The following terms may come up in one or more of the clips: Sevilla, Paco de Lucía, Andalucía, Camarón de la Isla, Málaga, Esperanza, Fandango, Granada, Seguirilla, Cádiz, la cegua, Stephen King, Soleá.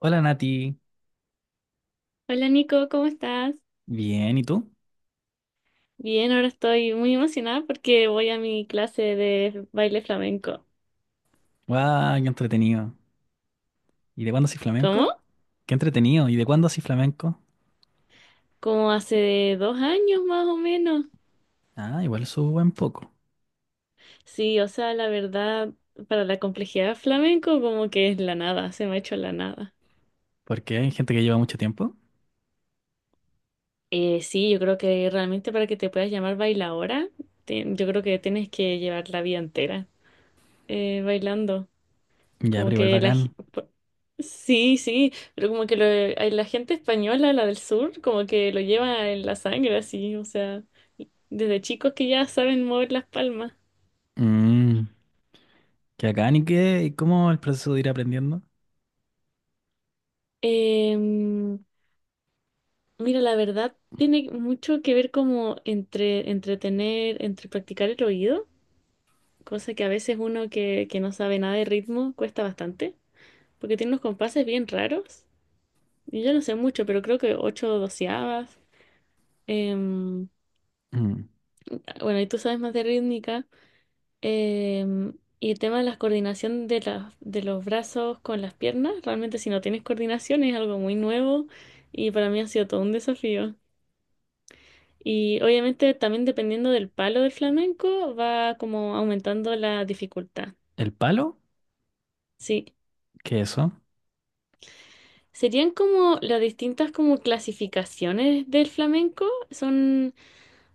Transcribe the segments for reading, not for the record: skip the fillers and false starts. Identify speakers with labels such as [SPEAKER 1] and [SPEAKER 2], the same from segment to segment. [SPEAKER 1] Hola Nati,
[SPEAKER 2] Hola Nico, ¿cómo estás?
[SPEAKER 1] bien, ¿y tú?
[SPEAKER 2] Bien, ahora estoy muy emocionada porque voy a mi clase de baile flamenco.
[SPEAKER 1] ¡Guau! ¡Qué entretenido! ¿Y de cuándo haces flamenco?
[SPEAKER 2] ¿Cómo?
[SPEAKER 1] ¡Qué entretenido! ¿Y de cuándo haces flamenco?
[SPEAKER 2] Como hace 2 años más o menos.
[SPEAKER 1] Ah, igual subo un buen poco,
[SPEAKER 2] Sí, o sea, la verdad, para la complejidad del flamenco como que es la nada, se me ha hecho la nada.
[SPEAKER 1] porque hay gente que lleva mucho tiempo.
[SPEAKER 2] Sí, yo creo que realmente para que te puedas llamar bailadora, yo creo que tienes que llevar la vida entera bailando.
[SPEAKER 1] Ya, pero
[SPEAKER 2] Como
[SPEAKER 1] igual
[SPEAKER 2] que
[SPEAKER 1] bacán.
[SPEAKER 2] Sí, sí, pero como que la gente española, la del sur, como que lo lleva en la sangre, así, o sea, desde chicos que ya saben mover las palmas.
[SPEAKER 1] Mmm, ¿qué bacán y qué? ¿Y cómo el proceso de ir aprendiendo?
[SPEAKER 2] Em, mira, la verdad tiene mucho que ver como entre entretener, entre practicar el oído, cosa que a veces uno que no sabe nada de ritmo cuesta bastante, porque tiene unos compases bien raros. Y yo no sé mucho, pero creo que 8/12. em,
[SPEAKER 1] Mm,
[SPEAKER 2] bueno, y tú sabes más de rítmica. Em, y el tema de la coordinación de los brazos con las piernas, realmente si no tienes coordinación es algo muy nuevo y para mí ha sido todo un desafío. Y obviamente también dependiendo del palo del flamenco va como aumentando la dificultad.
[SPEAKER 1] ¿el palo?
[SPEAKER 2] Sí.
[SPEAKER 1] ¿Qué es eso?
[SPEAKER 2] Serían como las distintas como clasificaciones del flamenco. Son,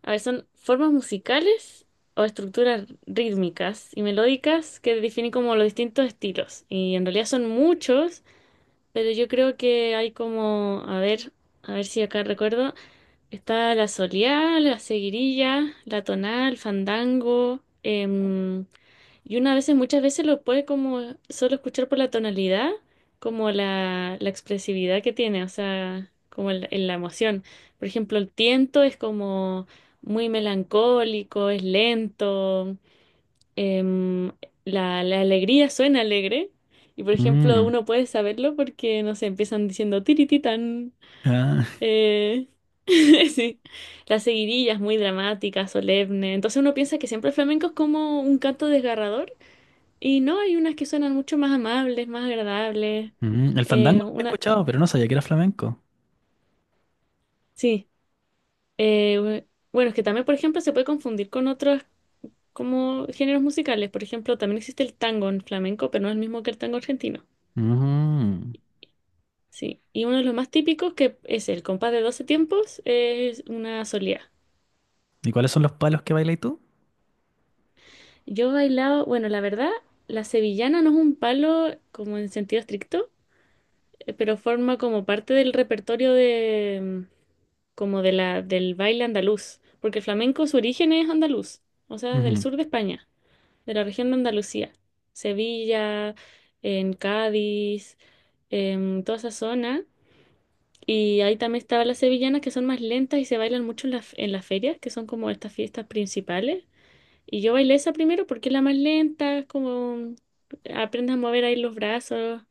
[SPEAKER 2] a ver, son formas musicales o estructuras rítmicas y melódicas que definen como los distintos estilos. Y en realidad son muchos. Pero yo creo que hay como, a ver si acá recuerdo, está la Soleá, la Seguirilla, la Tonal, Fandango, y muchas veces lo puede como solo escuchar por la tonalidad, como la expresividad que tiene, o sea, como en la emoción. Por ejemplo, el tiento es como muy melancólico, es lento, em, la alegría suena alegre. Y por ejemplo,
[SPEAKER 1] Mm,
[SPEAKER 2] uno puede saberlo porque, no sé, empiezan diciendo tirititán.
[SPEAKER 1] ah,
[SPEAKER 2] Eh, sí. Las seguidillas muy dramáticas, solemne. Entonces uno piensa que siempre el flamenco es como un canto desgarrador. Y no, hay unas que suenan mucho más amables, más agradables.
[SPEAKER 1] mm, el
[SPEAKER 2] Eh,
[SPEAKER 1] fandango lo he
[SPEAKER 2] una,
[SPEAKER 1] escuchado, pero no sabía que era flamenco.
[SPEAKER 2] sí. Eh, bueno, es que también, por ejemplo, se puede confundir con otros como géneros musicales. Por ejemplo, también existe el tango en flamenco, pero no es el mismo que el tango argentino.
[SPEAKER 1] Mm,
[SPEAKER 2] Sí, y uno de los más típicos que es el compás de 12 tiempos es una solía.
[SPEAKER 1] ¿y cuáles son los palos que bailas tú?
[SPEAKER 2] Yo he bailado, bueno, la verdad, la sevillana no es un palo como en sentido estricto, pero forma como parte del repertorio de mm, como de la del baile andaluz, porque el flamenco su origen es andaluz, o sea, del
[SPEAKER 1] Ujú.
[SPEAKER 2] sur de España, de la región de Andalucía, Sevilla, en Cádiz, en toda esa zona. Y ahí también estaban las sevillanas que son más lentas y se bailan mucho en las ferias, que son como estas fiestas principales. Y yo bailé esa primero porque es la más lenta, es como aprendes a mover ahí los brazos.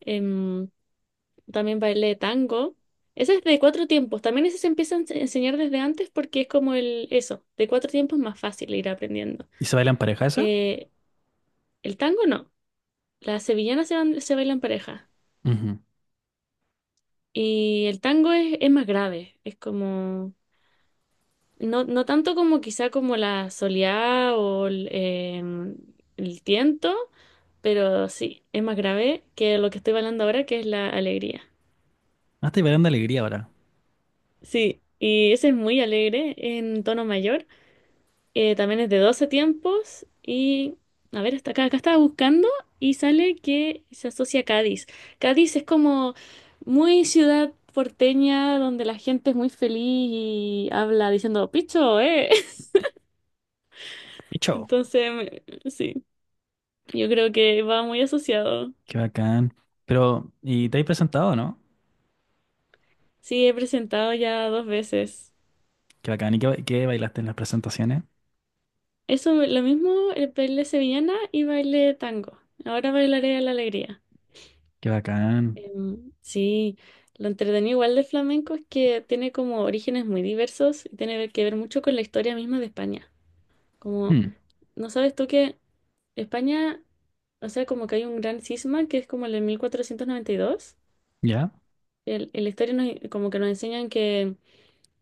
[SPEAKER 2] Em, también bailé tango. Esa es de 4 tiempos. También ese se empieza a enseñar desde antes porque es como el eso, de 4 tiempos es más fácil ir aprendiendo.
[SPEAKER 1] ¿Y se bailan pareja esa?
[SPEAKER 2] Eh, el tango no. Las sevillanas se bailan pareja.
[SPEAKER 1] Ujú.
[SPEAKER 2] Y el tango es más grave. Es como no, no tanto como quizá como la soleá o el tiento, pero sí, es más grave que lo que estoy hablando ahora, que es la alegría.
[SPEAKER 1] Ah, estoy bailando alegría ahora.
[SPEAKER 2] Sí, y ese es muy alegre en tono mayor. También es de 12 tiempos y, a ver, acá estaba buscando y sale que se asocia a Cádiz. Cádiz es como muy ciudad porteña donde la gente es muy feliz y habla diciendo, picho,
[SPEAKER 1] ¡Picho!
[SPEAKER 2] Entonces, me- sí. Yo creo que va muy asociado.
[SPEAKER 1] Qué bacán. Pero, ¿y te has presentado no?
[SPEAKER 2] Sí, he presentado ya 2 veces.
[SPEAKER 1] Qué bacán. ¿Y qué, qué bailaste en las presentaciones?
[SPEAKER 2] Eso, lo mismo, el baile sevillana y baile tango. Ahora bailaré a la alegría.
[SPEAKER 1] Qué bacán.
[SPEAKER 2] Sí, lo entretenido igual de flamenco es que tiene como orígenes muy diversos y tiene que ver mucho con la historia misma de España. Como,
[SPEAKER 1] Hmm,
[SPEAKER 2] ¿no sabes tú que España, o sea, como que hay un gran cisma que es como el de 1492.
[SPEAKER 1] ¿ya?
[SPEAKER 2] En la historia como que nos enseñan que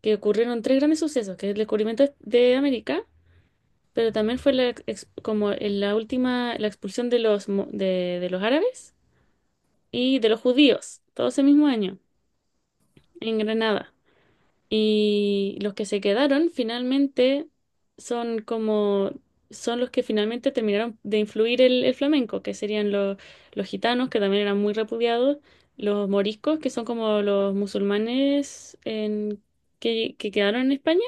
[SPEAKER 2] que ocurrieron tres grandes sucesos, que es el descubrimiento de América, pero también fue como en la última, la expulsión de de los árabes y de los judíos, todo ese mismo año, en Granada. Y los que se quedaron finalmente son como, son los que finalmente terminaron de influir el flamenco, que serían los gitanos, que también eran muy repudiados, los moriscos, que son como los musulmanes que quedaron en España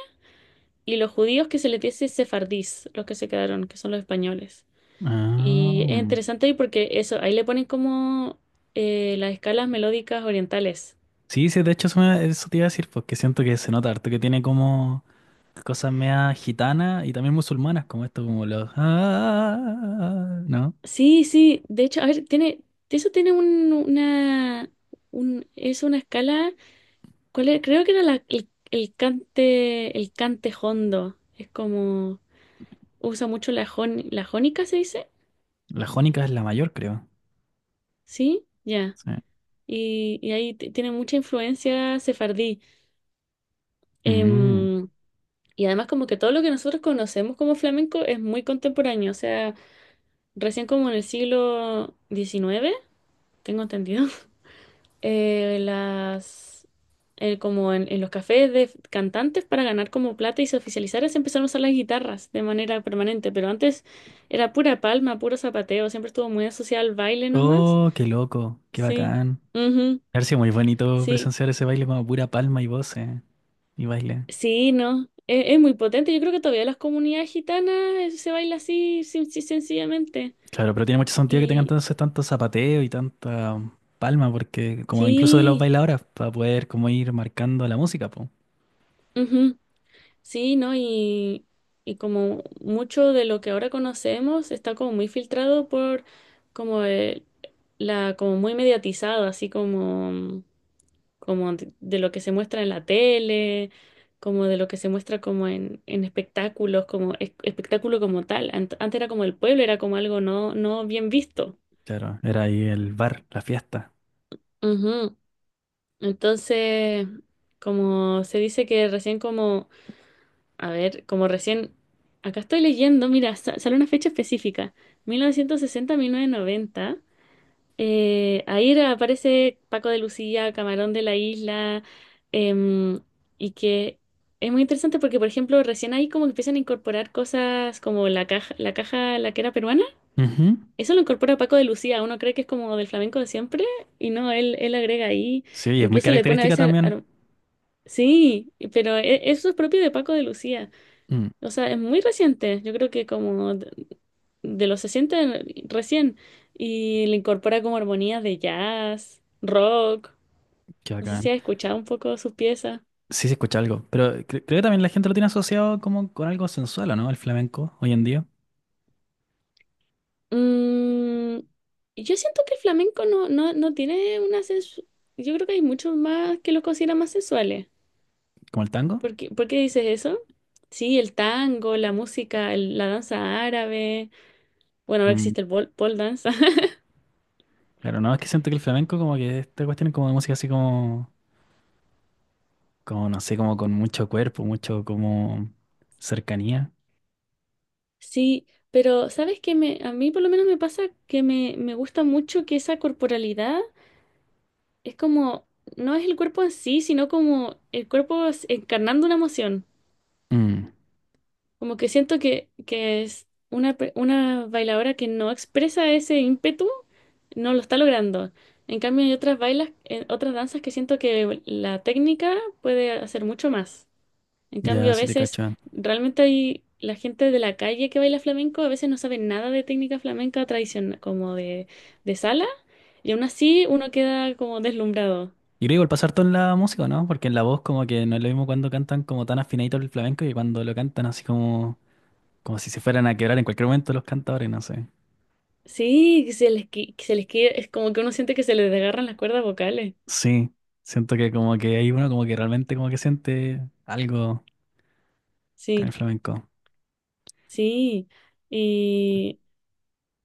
[SPEAKER 2] y los judíos que se les dice sefardís, los que se quedaron, que son los españoles. Y es
[SPEAKER 1] Ah.
[SPEAKER 2] interesante ahí porque eso, ahí le ponen como las escalas melódicas orientales.
[SPEAKER 1] Sí, sí, de hecho eso, eso te iba a decir, porque siento que se nota harto que tiene como cosas meas gitanas y también musulmanas, como esto, como los ah, ¿no?
[SPEAKER 2] Sí, sí, de hecho, a ver, tiene, eso tiene es una escala, ¿cuál era? Creo que era el cante jondo, es como, usa mucho la jónica, ¿se dice?
[SPEAKER 1] La jónica es la mayor, creo.
[SPEAKER 2] Sí, ya.
[SPEAKER 1] Sí.
[SPEAKER 2] Y ahí tiene mucha influencia sefardí.
[SPEAKER 1] Mm.
[SPEAKER 2] Em, Y además como que todo lo que nosotros conocemos como flamenco es muy contemporáneo, o sea, recién como en el siglo XIX, tengo entendido, eh, las, como en los cafés de cantantes para ganar como plata y se oficializara se empezaron a usar las guitarras de manera permanente, pero antes era pura palma, puro zapateo, siempre estuvo muy asociado al baile nomás.
[SPEAKER 1] Oh, qué loco, qué
[SPEAKER 2] Sí,
[SPEAKER 1] bacán.
[SPEAKER 2] ujú,
[SPEAKER 1] Ha sido muy bonito
[SPEAKER 2] sí,
[SPEAKER 1] presenciar ese baile como pura palma y voces y baile.
[SPEAKER 2] sí, no. Es muy potente. Yo creo que todavía las comunidades gitanas se baila así, sencillamente.
[SPEAKER 1] Claro, pero tiene mucho sentido que tengan
[SPEAKER 2] Y,
[SPEAKER 1] entonces tanto zapateo y tanta palma, porque como incluso de los
[SPEAKER 2] Sí,
[SPEAKER 1] bailadores, para poder como ir marcando la música, pues.
[SPEAKER 2] ujú, sí, ¿no? Y como mucho de lo que ahora conocemos está como muy filtrado por como el- como muy mediatizado, así como, como de lo que se muestra en la tele, como de lo que se muestra como en espectáculos, como espectáculo como tal. Antes era como el pueblo, era como algo no, no bien visto.
[SPEAKER 1] Claro, era ahí el bar, la fiesta.
[SPEAKER 2] Ujú. Entonces, como se dice que recién como a ver, como recién, acá estoy leyendo, mira, sale una fecha específica, 1960-1990. Ahí aparece Paco de Lucía, Camarón de la Isla, em, y que es muy interesante porque, por ejemplo, recién ahí como que empiezan a incorporar cosas como la caja, la que era peruana.
[SPEAKER 1] Ujú.
[SPEAKER 2] Eso lo incorpora Paco de Lucía, uno cree que es como del flamenco de siempre, y no, él agrega ahí,
[SPEAKER 1] Sí, y es muy
[SPEAKER 2] incluso le pone a
[SPEAKER 1] característica
[SPEAKER 2] veces...
[SPEAKER 1] también.
[SPEAKER 2] sí, pero eso es propio de Paco de Lucía.
[SPEAKER 1] Mm,
[SPEAKER 2] O sea, es muy reciente. Yo creo que como de los 60 recién. Y le incorpora como armonías de jazz, rock.
[SPEAKER 1] qué
[SPEAKER 2] No sé si
[SPEAKER 1] bacán.
[SPEAKER 2] has escuchado un poco sus piezas.
[SPEAKER 1] Sí, se escucha algo, pero creo que también la gente lo tiene asociado como con algo sensual, ¿o ¿no? El flamenco hoy en día,
[SPEAKER 2] Mm, yo siento que el flamenco no tiene una yo creo que hay muchos más que los consideran más sensuales.
[SPEAKER 1] como el tango.
[SPEAKER 2] ¿Por qué dices eso? Sí, el tango, la música, la danza árabe. Bueno, ahora
[SPEAKER 1] Mm.
[SPEAKER 2] existe el pole, pole dance.
[SPEAKER 1] Claro, no, es que siento que el flamenco como que esta cuestión es como de música así como, como no sé, como con mucho cuerpo, mucho como cercanía.
[SPEAKER 2] Sí, pero ¿sabes qué a mí por lo menos me pasa que me gusta mucho que esa corporalidad es como, no es el cuerpo en sí, sino como el cuerpo encarnando una emoción.
[SPEAKER 1] Mm.
[SPEAKER 2] Como que siento que es una, una bailadora que no expresa ese ímpetu, no lo está logrando. En cambio, hay otras bailas, otras danzas que siento que la técnica puede hacer mucho más. En
[SPEAKER 1] Ya,
[SPEAKER 2] cambio, a
[SPEAKER 1] sí te
[SPEAKER 2] veces
[SPEAKER 1] cacho.
[SPEAKER 2] realmente hay la gente de la calle que baila flamenco, a veces no sabe nada de técnica flamenca tradicional, como de sala, y aún así uno queda como deslumbrado.
[SPEAKER 1] Y creo que igual pasar todo en la música, ¿no? Porque en la voz como que no es lo mismo cuando cantan como tan afinadito el flamenco y cuando lo cantan así como, como si se fueran a quebrar en cualquier momento los cantadores, no sé.
[SPEAKER 2] Sí, que que se les es como que uno siente que se les desgarran las cuerdas vocales.
[SPEAKER 1] Sí, siento que como que hay uno como que realmente como que siente algo con
[SPEAKER 2] Sí,
[SPEAKER 1] el flamenco.
[SPEAKER 2] sí. y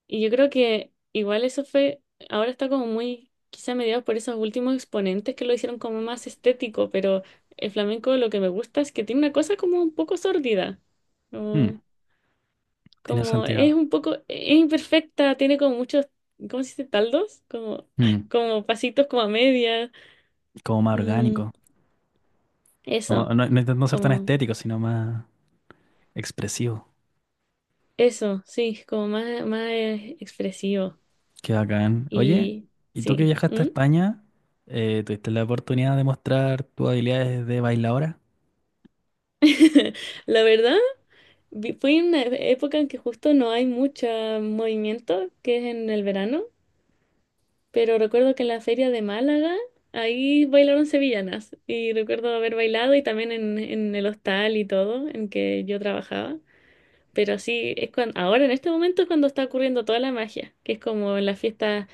[SPEAKER 2] Y yo creo que igual eso fue, ahora está como muy, quizá mediado por esos últimos exponentes que lo hicieron como más estético, pero el flamenco lo que me gusta es que tiene una cosa como un poco sórdida,
[SPEAKER 1] Mm,
[SPEAKER 2] como,
[SPEAKER 1] tiene
[SPEAKER 2] como es
[SPEAKER 1] sentido.
[SPEAKER 2] un poco, es imperfecta, tiene como muchos, ¿cómo se dice? Taldos, como,
[SPEAKER 1] Mm,
[SPEAKER 2] como pasitos como a media,
[SPEAKER 1] como más
[SPEAKER 2] mm,
[SPEAKER 1] orgánico. Como
[SPEAKER 2] eso,
[SPEAKER 1] no, no intentando ser tan
[SPEAKER 2] como,
[SPEAKER 1] estético, sino más expresivo.
[SPEAKER 2] eso, sí, como más, más expresivo.
[SPEAKER 1] Qué bacán. Oye,
[SPEAKER 2] Y
[SPEAKER 1] ¿y tú que
[SPEAKER 2] sí,
[SPEAKER 1] viajaste a
[SPEAKER 2] ¿mm?
[SPEAKER 1] España, tuviste la oportunidad de mostrar tus habilidades de bailadora?
[SPEAKER 2] La verdad. Fui en una época en que justo no hay mucho movimiento, que es en el verano, pero recuerdo que en la feria de Málaga ahí bailaron sevillanas y recuerdo haber bailado y también en el hostal y todo en que yo trabajaba. Pero sí, es cuando, ahora en este momento es cuando está ocurriendo toda la magia, que es como en las fiestas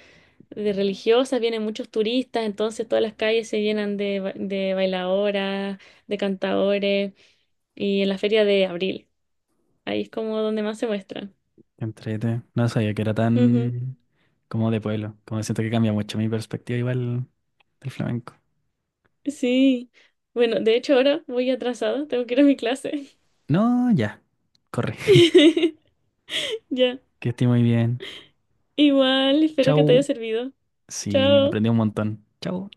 [SPEAKER 2] de religiosas, vienen muchos turistas, entonces todas las calles se llenan de bailadoras, de cantadores y en la feria de abril, ahí es como donde más se muestra.
[SPEAKER 1] Entrete. No sabía que era
[SPEAKER 2] Ujú,
[SPEAKER 1] tan como de pueblo. Como siento que cambia mucho mi perspectiva igual del flamenco.
[SPEAKER 2] sí. Bueno, de hecho ahora voy atrasada, tengo que ir a mi clase.
[SPEAKER 1] No, ya, corre.
[SPEAKER 2] Ya.
[SPEAKER 1] Que esté muy bien.
[SPEAKER 2] Igual, espero que te haya
[SPEAKER 1] Chau.
[SPEAKER 2] servido.
[SPEAKER 1] Sí,
[SPEAKER 2] Chao.
[SPEAKER 1] aprendí un montón. Chau.